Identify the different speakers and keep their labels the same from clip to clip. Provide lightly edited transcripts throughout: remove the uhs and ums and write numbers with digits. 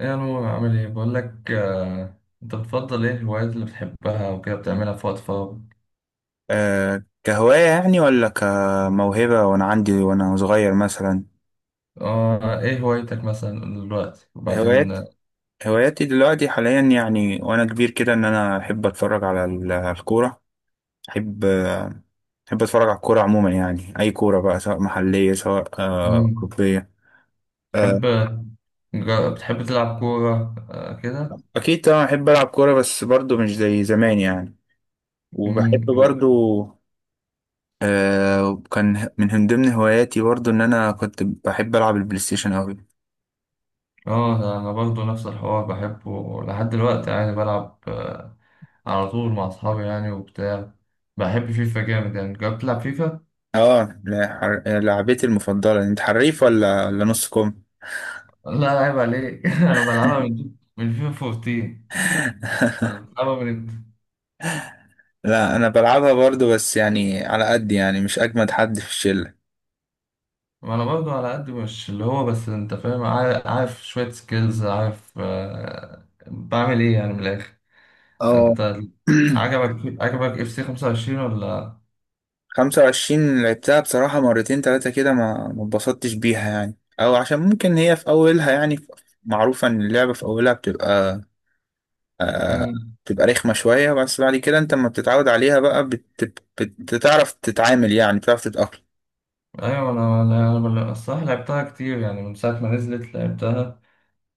Speaker 1: ايه يا نور عامل ايه بقول لك، انت بتفضل ايه الهوايات اللي بتحبها وكده بتعملها في وقت فراغ؟
Speaker 2: كهواية يعني، ولا كموهبة وأنا عندي وأنا صغير مثلا.
Speaker 1: اه، ايه هوايتك مثلا دلوقتي وبعدين
Speaker 2: هوايات هواياتي دلوقتي حاليا يعني، وأنا كبير كده إن أنا أحب أتفرج على الكورة. أحب آه، أحب أتفرج على الكورة عموما يعني، أي كورة بقى سواء محلية سواء
Speaker 1: مم،
Speaker 2: أوروبية. أه
Speaker 1: تحب بتحب تلعب كورة كده؟
Speaker 2: أكيد طبعا أحب ألعب كورة، بس برضو مش زي زمان يعني.
Speaker 1: مم،
Speaker 2: وبحب برضو. كان من ضمن هواياتي برضو إن أنا كنت بحب ألعب البلاي ستيشن أوي.
Speaker 1: اه ده انا برضو نفس الحوار بحبه لحد دلوقتي يعني بلعب على طول مع اصحابي يعني وبتاع. بحب فيفا جامد يعني، جربت تلعب فيفا؟
Speaker 2: اه، لا، لعبتي المفضلة. انت حريف ولا نص كم؟
Speaker 1: لا عيب عليك. انا بلعبها من فيفا 14. انا بلعبها من.
Speaker 2: لا، انا بلعبها برضو بس يعني على قد، يعني مش اجمد حد في الشلة.
Speaker 1: ما انا برضو على قد، مش اللي هو، بس انت فاهم، عارف، عارف شوية سكيلز، عارف بعمل ايه يعني من الاخر.
Speaker 2: اه.
Speaker 1: انت عجبك عجبك اف سي 25 ولا؟
Speaker 2: 25 لعبتها بصراحة مرتين تلاتة كده، ما اتبسطتش بيها يعني، او عشان ممكن هي في اولها يعني معروفة ان اللعبة في اولها آه
Speaker 1: امم.
Speaker 2: بتبقى رخمة شوية، بس بعد كده انت لما بتتعود عليها بقى بتعرف تتعامل، يعني بتعرف تتأقلم.
Speaker 1: ايوه انا أنا الصراحة لعبتها كتير يعني من ساعة ما نزلت لعبتها.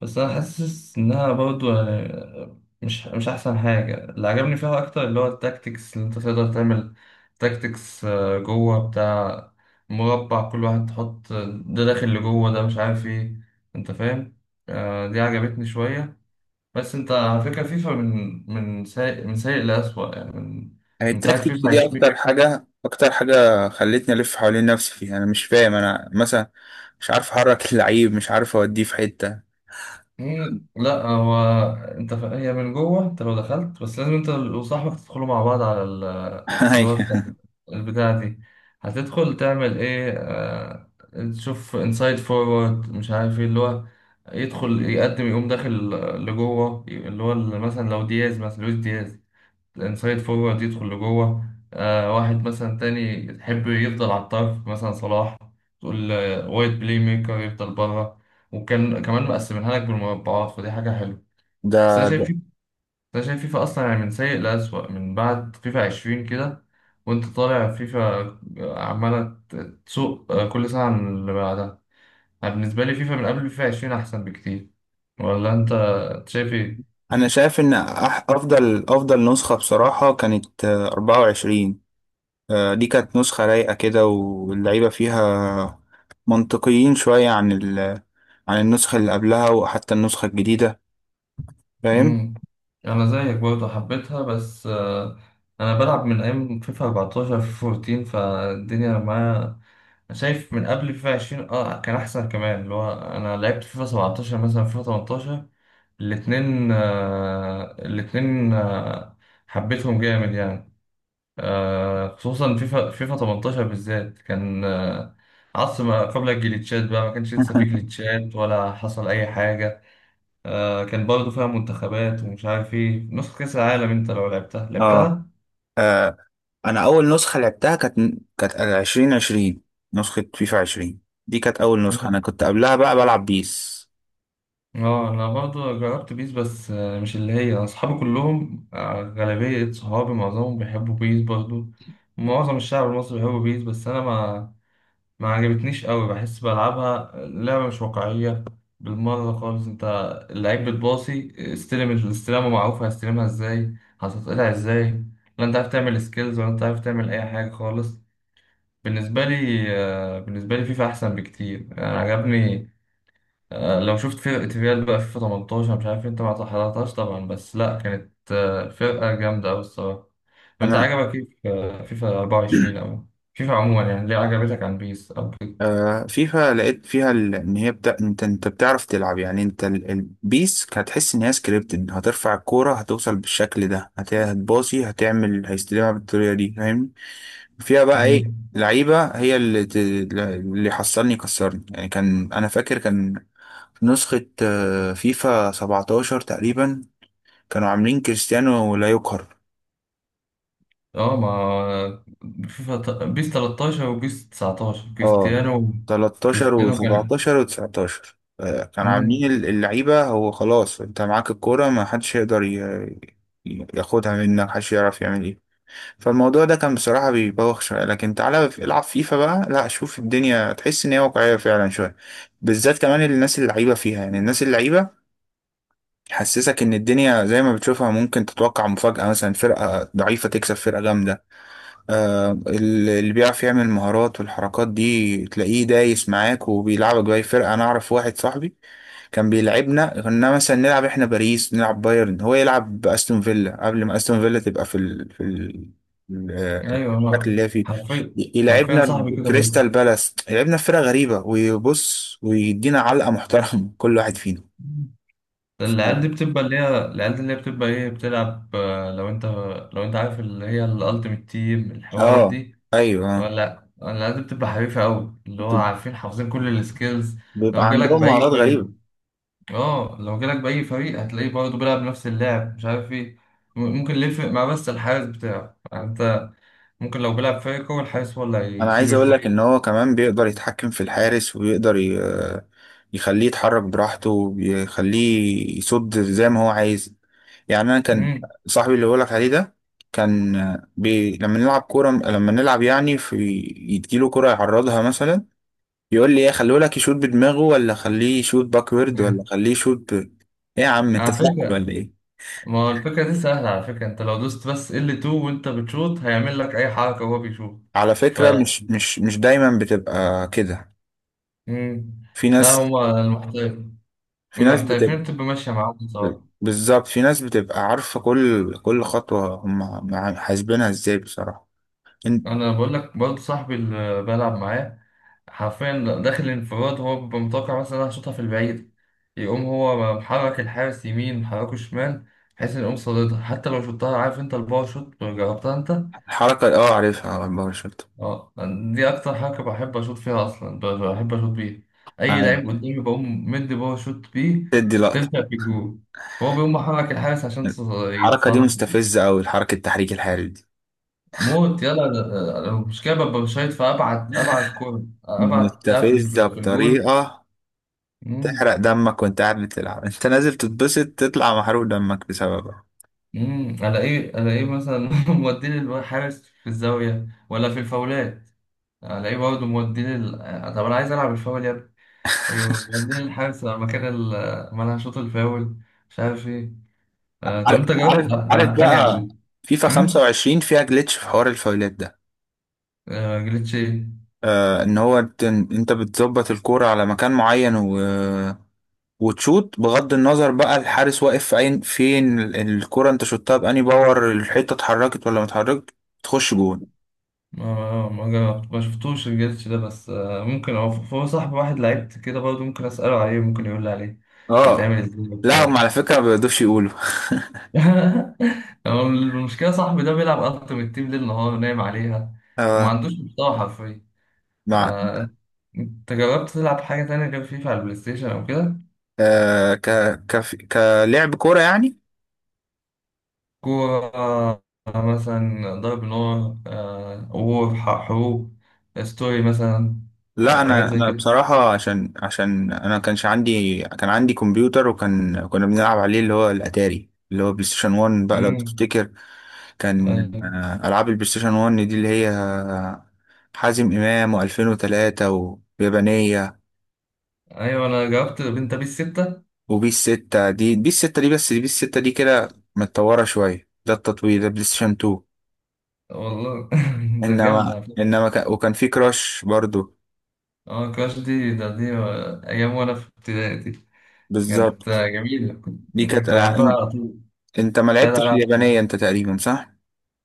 Speaker 1: بس انا حاسس انها برضو يعني مش احسن حاجه. اللي عجبني فيها اكتر اللي هو التاكتكس اللي انت تقدر تعمل تاكتكس جوه بتاع مربع كل واحد تحط ده داخل لجوه ده مش عارف ايه، انت فاهم. دي عجبتني شويه. بس انت على فكره، فيفا من سيء سيء لأسوأ يعني من
Speaker 2: يعني
Speaker 1: من ساعه
Speaker 2: التكتيكس
Speaker 1: فيفا.
Speaker 2: دي اكتر حاجه خلتني الف حوالين نفسي فيها. انا مش فاهم، انا مثلا مش عارف احرك اللعيب، مش عارف اوديه في حته.
Speaker 1: لا هو انت هي من جوه، انت لو دخلت بس لازم انت وصاحبك تدخلوا مع بعض على اللي هو
Speaker 2: أيوة.
Speaker 1: البتاعة دي، هتدخل تعمل ايه تشوف انسايد فورورد مش عارف ايه اللي هو يدخل يقدم يقوم داخل لجوه، اللي هو مثلا لو دياز، مثلا لويس دياز الانسايد فورورد يدخل لجوه. آه، واحد مثلا تاني يحب يفضل على الطرف مثلا صلاح، تقول وايت بلاي ميكر يفضل بره. وكان كمان مقسمينها لك بالمربعات، فدي حاجة حلوة.
Speaker 2: ده
Speaker 1: بس أنا
Speaker 2: ده
Speaker 1: شايف أنا شايف فيفا أصلا يعني من سيء لأسوأ من بعد فيفا عشرين كده. وأنت طالع فيفا عمالة تسوق كل سنة عن اللي بعدها. أنا بالنسبة لي فيفا من قبل فيفا عشرين أحسن بكتير، ولا أنت شايف إيه؟
Speaker 2: انا شايف ان افضل نسخه بصراحه كانت 24. دي كانت نسخه رايقه كده، واللعيبه فيها منطقيين شويه عن عن النسخه اللي قبلها وحتى النسخه الجديده، فاهم؟
Speaker 1: امم. انا زيك برضه حبيتها، بس انا بلعب من ايام فيفا 14، فالدنيا معايا. أنا شايف من قبل فيفا 20 اه كان احسن كمان، اللي هو انا لعبت فيفا 17 مثلا، فيفا 18، الاتنين حبيتهم جامد يعني. آه، خصوصا فيفا 18 بالذات كان آه عصر ما قبل الجليتشات بقى، ما كانش لسه في جليتشات ولا حصل اي حاجة. آه، كان برضه فيها منتخبات ومش عارف ايه، نسخة كأس العالم. انت لو لعبتها،
Speaker 2: اه
Speaker 1: لعبتها؟
Speaker 2: انا اول نسخه لعبتها كانت 2020، نسخه فيفا 20. دي كانت اول نسخه،
Speaker 1: مم.
Speaker 2: انا كنت قبلها بقى بلعب بيس.
Speaker 1: اه انا برضه جربت بيس بس آه مش اللي هي. اصحابي كلهم آه، غالبية صحابي، معظمهم بيحبوا بيس برضه. معظم الشعب المصري بيحبوا بيس بس انا ما عجبتنيش قوي. بحس بلعبها لعبة مش واقعية بالمرة خالص. انت اللعيب بتباصي استلم، الاستلامة معروفة، هستلمها ازاي، هتتقطع ازاي. لا انت عارف تعمل سكيلز ولا انت عارف تعمل اي حاجة خالص. بالنسبة لي بالنسبة لي فيفا أحسن بكتير يعني، عجبني. لو شفت فرقة ريال بقى فيفا 18، مش عارف أنت ما حضرتهاش طبعا، بس لأ كانت فرقة جامدة أوي الصراحة. وأنت
Speaker 2: انا
Speaker 1: عجبك إيه في فيفا 24 أو فيفا عموما يعني، ليه عجبتك عن بيس أو كده؟
Speaker 2: فيفا لقيت فيها انت بتعرف تلعب يعني. انت البيس هتحس ان هي سكريبتد، هترفع الكوره هتوصل بالشكل ده، هتباصي هتعمل هيستلمها بالطريقه دي، فاهم؟ فيها بقى ايه
Speaker 1: مم.
Speaker 2: لعيبه؟ هي اللي اللي حصلني كسرني يعني. كان انا فاكر كان نسخه فيفا 17 تقريبا، كانوا عاملين كريستيانو لا يقهر.
Speaker 1: أه ما فيفا بيس 13 وبيس 19
Speaker 2: اه
Speaker 1: كريستيانو
Speaker 2: 13 و17
Speaker 1: كريستيانو كان.
Speaker 2: و19 كانوا
Speaker 1: مم.
Speaker 2: عاملين اللعيبة، هو خلاص انت معاك الكورة ما حدش يقدر ياخدها منك، محدش يعرف يعمل ايه. فالموضوع ده كان بصراحة بيبوخ شوية، لكن تعالى العب فيفا بقى، لا شوف الدنيا تحس ان هي واقعية فعلا شوية، بالذات كمان الناس اللعيبة فيها. يعني الناس اللعيبة حسسك ان الدنيا زي ما بتشوفها ممكن تتوقع مفاجأة، مثلا فرقة ضعيفة تكسب فرقة جامدة. اللي بيعرف يعمل المهارات والحركات دي تلاقيه دايس معاك وبيلعبك بأي فرقة. أنا أعرف واحد صاحبي كان بيلعبنا، كنا مثلا نلعب إحنا باريس، نلعب بايرن، هو يلعب بأستون فيلا قبل ما أستون فيلا تبقى في ال... في ال... ال- آه،
Speaker 1: أيوه،
Speaker 2: الشكل
Speaker 1: ما
Speaker 2: اللي هي فيه.
Speaker 1: حرفيا، حرفيا
Speaker 2: يلعبنا
Speaker 1: صاحبي كده برضه.
Speaker 2: بكريستال بالاس، يلعبنا في فرقة غريبة، ويبص ويدينا علقة محترمة كل واحد فينا. ف-
Speaker 1: العيال دي بتبقى اللي هي، العيال دي اللي هي بتبقى ايه، بتلعب لو انت، لو انت عارف اللي هي الالتيميت تيم الحوارات
Speaker 2: اه،
Speaker 1: دي.
Speaker 2: ايوه،
Speaker 1: لا العيال دي بتبقى حريفة قوي، اللي هو عارفين حافظين كل السكيلز.
Speaker 2: بيبقى
Speaker 1: لو جالك
Speaker 2: عندهم
Speaker 1: بأي
Speaker 2: مهارات
Speaker 1: فريق،
Speaker 2: غريبة.
Speaker 1: اه لو جالك بأي فريق هتلاقيه برضه بيلعب نفس اللعب مش عارف ايه. ممكن اللي يفرق مع، بس الحارس بتاعه يعني، انت ممكن لو بيلعب فريق هو الحارس هو اللي
Speaker 2: انا عايز
Speaker 1: هيشيله
Speaker 2: اقول لك ان
Speaker 1: شوية.
Speaker 2: هو كمان بيقدر يتحكم في الحارس، ويقدر يخليه يتحرك براحته، ويخليه يصد زي ما هو عايز. يعني انا كان
Speaker 1: امم.
Speaker 2: صاحبي اللي بقولك عليه ده كان لما نلعب كوره، لما نلعب يعني في، يديله كوره يعرضها مثلا، يقول لي ايه، خليه لك يشوط بدماغه، ولا خليه يشوط باكورد، ولا خليه يشوط ايه يا عم، انت
Speaker 1: على
Speaker 2: سحر
Speaker 1: فكرة،
Speaker 2: ولا ايه؟
Speaker 1: ما هو الفكرة دي سهلة على فكرة، انت لو دوست بس L2 وانت بتشوط هيعمل لك اي حركة وهو بيشوط.
Speaker 2: على
Speaker 1: ف
Speaker 2: فكره، مش دايما بتبقى كده.
Speaker 1: مم.
Speaker 2: في
Speaker 1: لا
Speaker 2: ناس،
Speaker 1: هما المحترفين،
Speaker 2: في ناس بتبقى
Speaker 1: المحترفين بتبقى ماشية معاهم بصراحة.
Speaker 2: بالظبط في ناس بتبقى عارفة كل خطوة، هم حاسبينها ازاي بصراحة إن-
Speaker 1: انا بقول لك برضه صاحبي اللي بلعب معاه حرفيا، داخل الانفراد هو بيبقى متوقع مثلا انا هشوطها في البعيد، يقوم هو محرك الحارس يمين، محركه شمال، بحيث ان يقوم صاددها. حتى لو شوطها. عارف انت الباور شوت، جربتها انت؟
Speaker 2: الحركة عارفها، على الباور شوت.
Speaker 1: اه، دي اكتر حاجه بحب اشوط فيها اصلا، بحب اشوط بيها. اي
Speaker 2: عارف،
Speaker 1: لعيب قدامي بقوم مدي بقى شوت بيه،
Speaker 2: تدي لقطة.
Speaker 1: بتفشل في الجول. هو بيقوم محرك الحارس عشان
Speaker 2: الحركة دي
Speaker 1: يتصد.
Speaker 2: مستفزة أوي، الحركة التحريك الحرج دي
Speaker 1: موت يلا. أنا المشكله ببقى شايط في ابعد كوره، ابعد بتاع في
Speaker 2: مستفزة
Speaker 1: في الجول.
Speaker 2: بطريقة تحرق
Speaker 1: امم.
Speaker 2: دمك وانت قاعد بتلعب. انت نازل تتبسط تطلع محروق دمك بسببها.
Speaker 1: امم. على ايه، على ايه مثلا؟ مودين الحارس في الزاويه ولا في الفاولات؟ على ايه برضه مودين طب انا عايز العب الفاول يا. ايوه، بعدين الحارس لما كان لما انا شوط الفاول مش عارف ايه. آه، طب
Speaker 2: عارف
Speaker 1: انت جربت
Speaker 2: عارف عارف
Speaker 1: العاب تانية على
Speaker 2: بقى،
Speaker 1: البي؟
Speaker 2: فيفا
Speaker 1: امم.
Speaker 2: 25 فيها جلitch في حوار الفاولات ده.
Speaker 1: آه، جليتش ايه؟
Speaker 2: ان هو انت بتظبط الكورة على مكان معين وتشوط، بغض النظر بقى الحارس واقف في عين فين الكرة، انت شوتها بأني باور، الحتة اتحركت ولا ما اتحركت، تخش جون.
Speaker 1: ما جربت، ما شفتوش الجليتش ده بس آه ممكن هو هو صاحب واحد لعيب كده برضه، ممكن اساله عليه، ممكن يقول لي عليه
Speaker 2: اه
Speaker 1: بيتعمل ازاي
Speaker 2: لا، هم
Speaker 1: وبتاع.
Speaker 2: على فكرة ما بيقدرش يقولوا.
Speaker 1: هو المشكله صاحبي ده بيلعب التيمت تيم ليل نهار، نايم عليها. فما
Speaker 2: آه
Speaker 1: عندوش محتوى حرفيا.
Speaker 2: مع
Speaker 1: آه. انت جربت تلعب حاجه تانية غير فيفا على البلاي ستيشن او كده؟
Speaker 2: آه ك ك كلعب كورة يعني.
Speaker 1: كورة مثلا، ضرب نار وور، حروب، ستوري مثلا.
Speaker 2: لا،
Speaker 1: حاجات
Speaker 2: انا
Speaker 1: زي
Speaker 2: انا
Speaker 1: كده.
Speaker 2: بصراحة عشان انا كانش عندي، كان عندي كمبيوتر وكان كنا بنلعب عليه اللي هو الاتاري، اللي هو بلاي ستيشن 1 بقى لو
Speaker 1: مم.
Speaker 2: تفتكر. كان
Speaker 1: أيوة.
Speaker 2: ألعاب البلاي ستيشن 1 دي اللي هي حازم إمام و2003 ويابانية،
Speaker 1: أيوة، أنا جربت بنت بيس ستة.
Speaker 2: وبيس 6 دي بيس 6 دي، بس بيس 6 دي كده متطورة شوية، ده التطوير ده بلاي ستيشن 2.
Speaker 1: والله. ده جامدة على فكرة.
Speaker 2: وكان في كراش برضو.
Speaker 1: اه كراش دي، ده دي أيام وأنا في ابتدائي دي. كانت
Speaker 2: بالظبط،
Speaker 1: جميلة، كنت
Speaker 2: دي كانت
Speaker 1: كنت
Speaker 2: ألعاب.
Speaker 1: بحبها على طول.
Speaker 2: أنت ما
Speaker 1: تلات
Speaker 2: لعبتش
Speaker 1: ألعاب.
Speaker 2: اليابانية أنت تقريبا، صح؟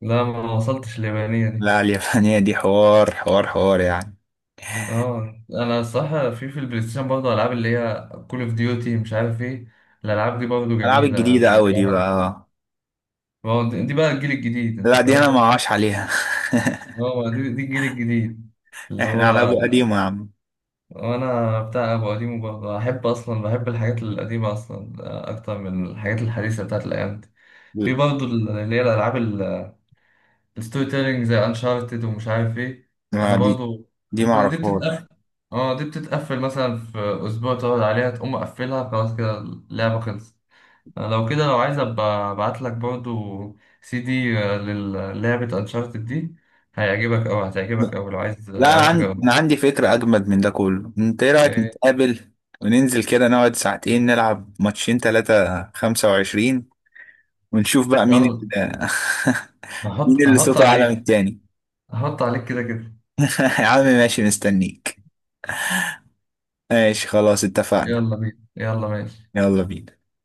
Speaker 1: لا لا، ما وصلتش ليابانية.
Speaker 2: لا، اليابانية دي حوار حوار حوار يعني.
Speaker 1: اه انا الصراحه في البلاي ستيشن برضه العاب اللي هي كول اوف ديوتي مش عارف ايه. الالعاب دي برضه
Speaker 2: الألعاب
Speaker 1: جميله، انا
Speaker 2: الجديدة أوي دي بقى
Speaker 1: بحبها. ما هو دي بقى الجيل الجديد، انت
Speaker 2: لا دي أنا ما
Speaker 1: فاهم.
Speaker 2: عاش عليها.
Speaker 1: اه، دي الجيل الجديد. اللي
Speaker 2: احنا على
Speaker 1: هو
Speaker 2: أبو قديمة يا عم.
Speaker 1: انا بتاع ابو قديم برضه، احب اصلا، بحب الحاجات القديمه اصلا اكتر من الحاجات الحديثه بتاعت الايام دي. في برضه اللي هي الالعاب ستوري تيلينج زي انشارتد ومش عارف ايه.
Speaker 2: ما
Speaker 1: انا
Speaker 2: دي
Speaker 1: برضو
Speaker 2: دي ما
Speaker 1: دي
Speaker 2: اعرفهاش.
Speaker 1: بتتقفل. اه، دي بتتقفل مثلا في اسبوع، تقعد عليها تقوم مقفلها خلاص كده، اللعبه خلصت. أنا لو كده لو عايز ابقى ابعت لك برضو CD للعبه انشارتد دي، هيعجبك اوي، هتعجبك اوي لو عايز،
Speaker 2: لا
Speaker 1: لو
Speaker 2: انا
Speaker 1: عايز
Speaker 2: عندي
Speaker 1: تجرب.
Speaker 2: انا عندي فكره اجمد من ده كله. انت ايه رايك،
Speaker 1: إيه،
Speaker 2: نتقابل وننزل كده نقعد ساعتين، نلعب ماتشين ثلاثه 25، ونشوف بقى مين
Speaker 1: يلا.
Speaker 2: اللي مين
Speaker 1: هحط
Speaker 2: اللي
Speaker 1: هحط
Speaker 2: صوته اعلى من
Speaker 1: عليك.
Speaker 2: التاني.
Speaker 1: هحط عليك كده كده.
Speaker 2: يا عم ماشي، مستنيك. ماشي خلاص، اتفقنا.
Speaker 1: يلا بينا، يلا ماشي.
Speaker 2: يلا بينا.